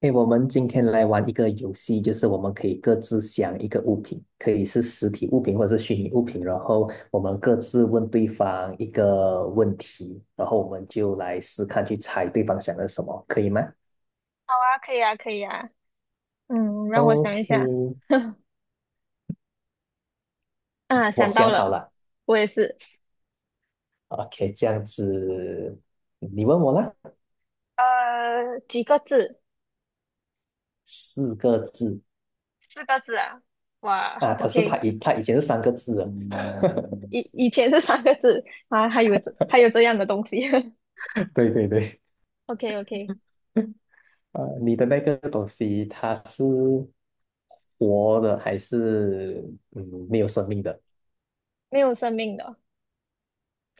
诶，我们今天来玩一个游戏，就是我们可以各自想一个物品，可以是实体物品或者是虚拟物品，然后我们各自问对方一个问题，然后我们就来试看去猜对方想的是什么，可以吗好啊，可以啊，可以啊。嗯，让我想一？OK，下。啊，我想到想好了，了。我也是。OK，这样子，你问我啦，几个字？四个字四个字啊。哇啊，可是他，OK。以他以前是三个字的。以前是三个字啊，还有这样的东西。对对对，OK OK，啊，你的那个东西它是活的还是嗯没有生命的没有生命的。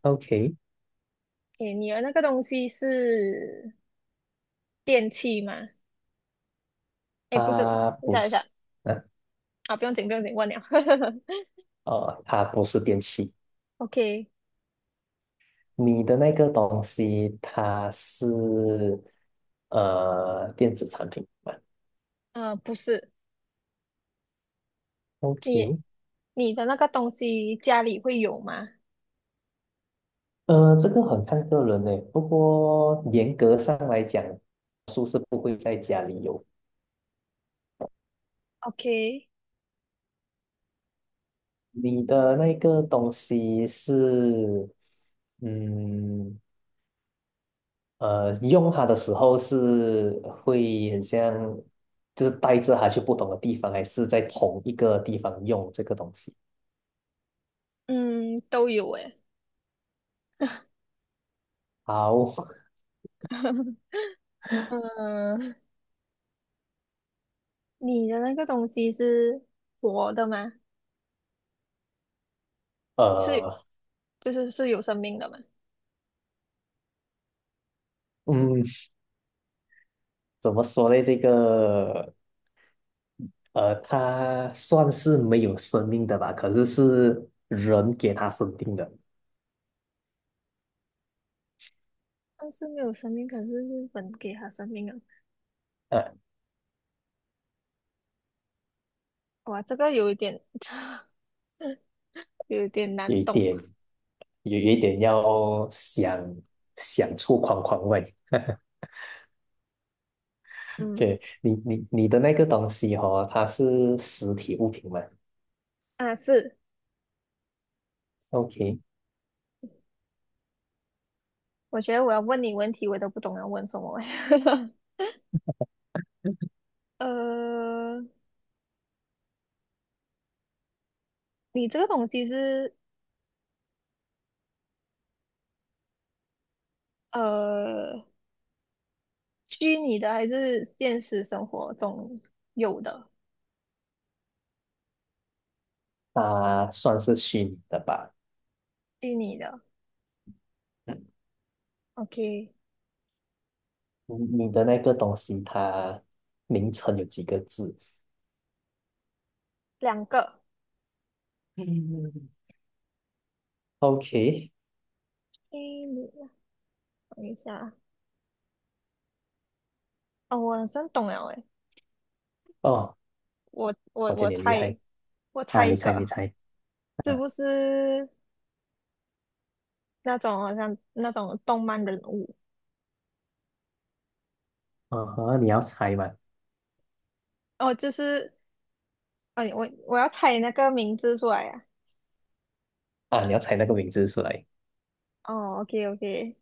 ？OK，诶，你的那个东西是电器吗？诶，不是，它等一不下等一下是，嗯啊，不用紧，忘了。哦它不是电器。OK，你的那个东西它是电子产品吧呃，不是，你？OK，你的那个东西家里会有吗呃，这个很看个人呢。不过严格上来讲，书是不会在家里有。？OK，你的那个东西是嗯。呃，用它的时候是会很像，就是带着它去不同的地方，还是在同一个地方用这个东西？嗯，都有诶。好，嗯，你的那个东西是活的吗？是，呃，就是是有生命的吗？嗯，怎么说呢？这个，呃，它算是没有生命的吧，可是是人给它生命的，但是没有生命，可是日本给它生命了。呃，哇，这个有一点，有一点有难一懂。点，有一点要想想出框框外。嗯，OK，你的那个东西哦，它是实体物品吗啊，是，？OK，我觉得我要问你问题，我都不懂要问什么。呃，你这个东西是呃虚拟的还是现实生活中有的？它算是虚拟的吧？虚拟的嗯，，OK，你你的那个东西，它名称有几个字两个。嗯，？OK，虚拟的，等一下。哦，我真懂了诶，哦，我我我觉得我你很厉害猜，我啊！猜你一猜，你个，猜是啊，不是那种动漫人物？哦呵，你要猜吗？哦，就是，哎，我要猜那个名字出来呀、啊，你要猜那个名字出来。哦，OK OK，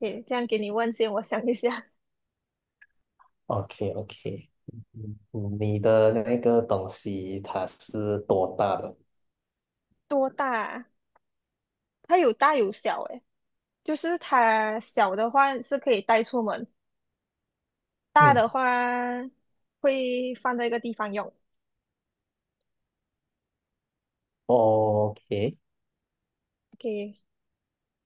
可以这样给你问先，我想一下，o k o k 嗯，嗯你的那个东西它是多大的？多大啊？它有大有小诶，就是它小的话是可以带出门，大嗯的话会放在一个地方用。，OK，OK，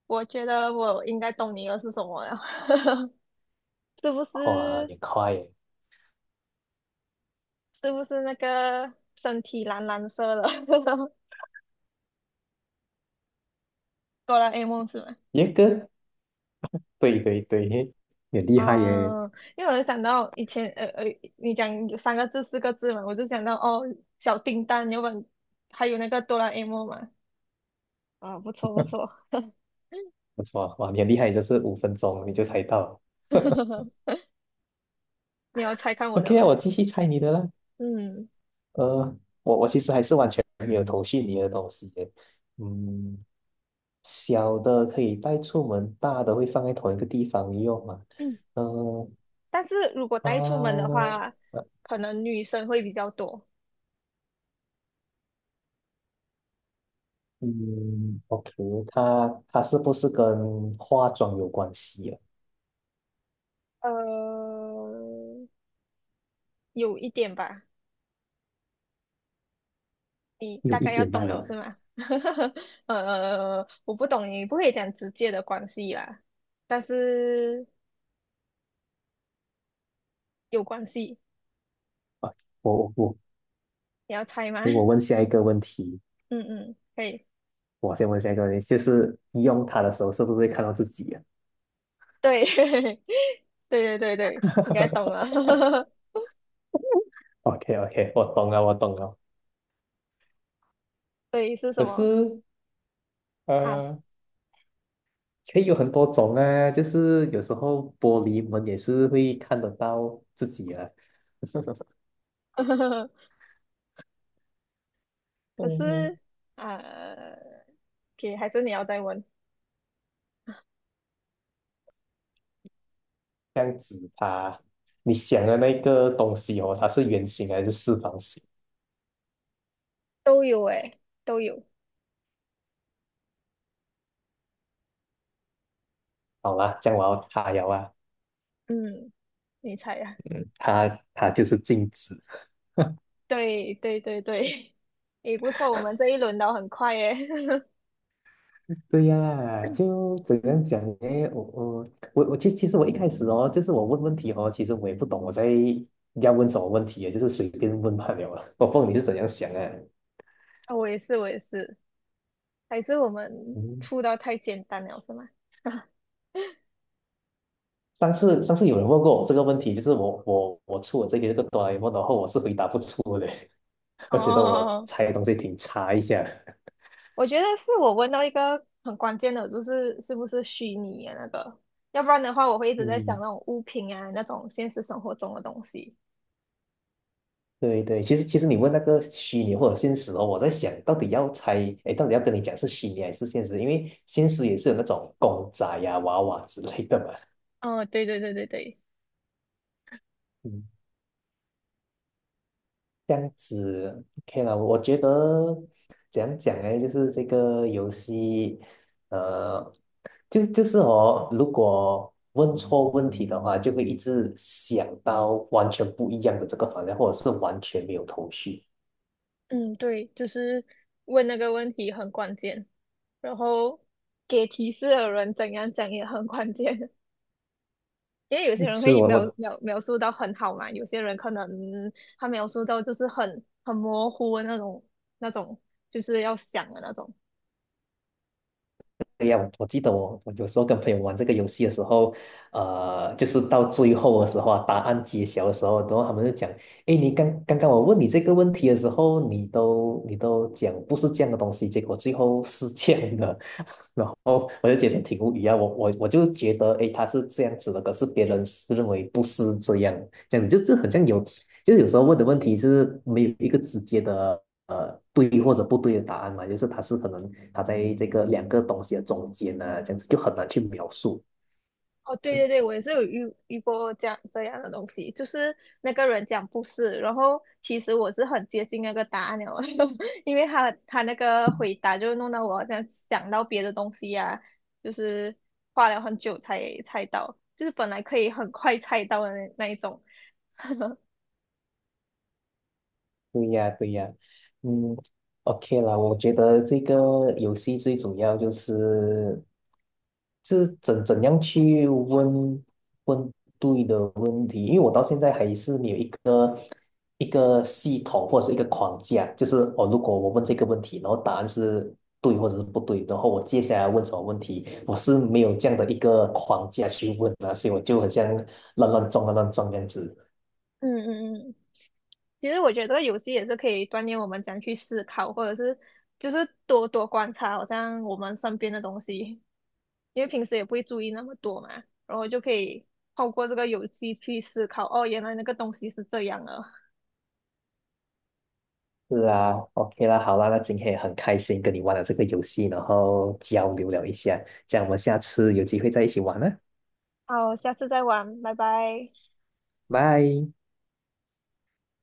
我觉得我应该懂你的是什么了，是不哇，是？你快耶！是不是那个身体蓝蓝色的 哆啦 A 梦是吗？一个，对对对，你很 厉害耶！嗯，因为我就想到以前，你讲有三个字、四个字嘛，我就想到哦，小叮当，有本，还有那个哆啦 A 梦嘛，啊、不错不错，不错，哇，你很厉害，就是5分钟你就猜到。你要猜看我的 OK 吗？啊，我继续猜你的啦。嗯呃，我其实还是完全没有头绪你的东西耶。嗯，小的可以带出门，大的会放在同一个地方用嘛？嗯，呃，但是如果带出门的它，话，呃可能女生会比较多，嗯，OK，它是不是跟化妆有关系啊？呃，有一点吧，你有大一概要点动慢了了。是吗？呃,我不懂，你不可以讲直接的关系啦，但是有关系，啊，我，你要猜吗？诶，我问下一个问题，嗯嗯，可以，我先问下一个问题，就是用它的时候是不是会看到自己啊 对，对对对对，应该懂 了，？OK OK，我懂了，我懂了。对，是什可么是啊？呃，可以有很多种啊，就是有时候玻璃门也是会看得到自己啊，可嗯，是啊，OK，还是你要再问，这样子，它，你想的那个东西哦，它是圆形还是四方形？都有诶，都有，好啦，这样我要它了啊，嗯，你猜呀、它它就是镜子。对对对对，也不错，我们这一轮聊很快耶，对呀、就怎样讲呢？我其实我一开始哦，就是我问问题哦，其实我也不懂我在要问什么问题，就是随便问罢了啊。我不懂你是怎样想啊？啊我也是，我也是。还是我们出的太简单了，是吗？上次有人问过我这个问题，就是我出我这个哆啦 A 梦，然后我是回答不出的，我觉得我哦，猜东西挺差一下。我觉得是我问到一个很关键的，就是是不是虚拟的那个，要不然的话，我会一直在想嗯，那种物品啊，那种现实生活中的东西。对对，其实你问那个虚拟或者现实哦，我在想到底要猜，哎，到底要跟你讲是虚拟还是现实？因为现实也是有那种公仔呀、娃娃之类的嘛。哦，对对对对对，嗯。这样子，OK 了。我觉得怎样讲呢，就是这个游戏，呃，就是我如果问错问题的话，就会一直想到完全不一样的这个方向，或者是完全没有头绪。嗯，对，就是问那个问题很关键。然后给提示的人怎样讲也很关键。因为有些人是会我描我描描述到很好嘛，有些人可能他描述到就是很模糊的那种那种，就是要想的那种。对呀，我记得我有时候跟朋友玩这个游戏的时候，呃，就是到最后的时候啊，答案揭晓的时候，然后他们就讲，诶，你刚刚我问你这个问题的时候，你都讲不是这样的东西，结果最后是这样的，然后我就觉得挺无语啊，我就觉得，诶，他是这样子的，可是别人是认为不是这样，这样子就很像有，就是有时候问的问题是没有一个直接的呃对或者不对的答案嘛，就是他是可能他在这个两个东西的中间呢、这样子就很难去描述。哦，对对对，我也是有遇过这样的东西，就是那个人讲不是，然后其实我是很接近那个答案了，因为他那个回答就弄到我好像想到别的东西呀，就是花了很久才猜到，就是本来可以很快猜到的那一种。对呀，对呀，嗯，OK 啦，我觉得这个游戏最主要就是，是怎样去问问对的问题，因为我到现在还是没有一个一个系统或者是一个框架，就是哦，如果我问这个问题，然后答案是对或者是不对，然后我接下来问什么问题，我是没有这样的一个框架去问啊，所以我就很像乱乱撞这样子。嗯。其实我觉得这个游戏也是可以锻炼我们怎样去思考，或者是就是多多观察，好像我们身边的东西，因为平时也不会注意那么多嘛，然后就可以透过这个游戏去思考，哦，原来那个东西是这样的。是啊，OK 啦，好啦，那今天也很开心跟你玩了这个游戏，然后交流了一下，这样我们下次有机会再一起玩啦，好，下次再玩，拜拜。拜。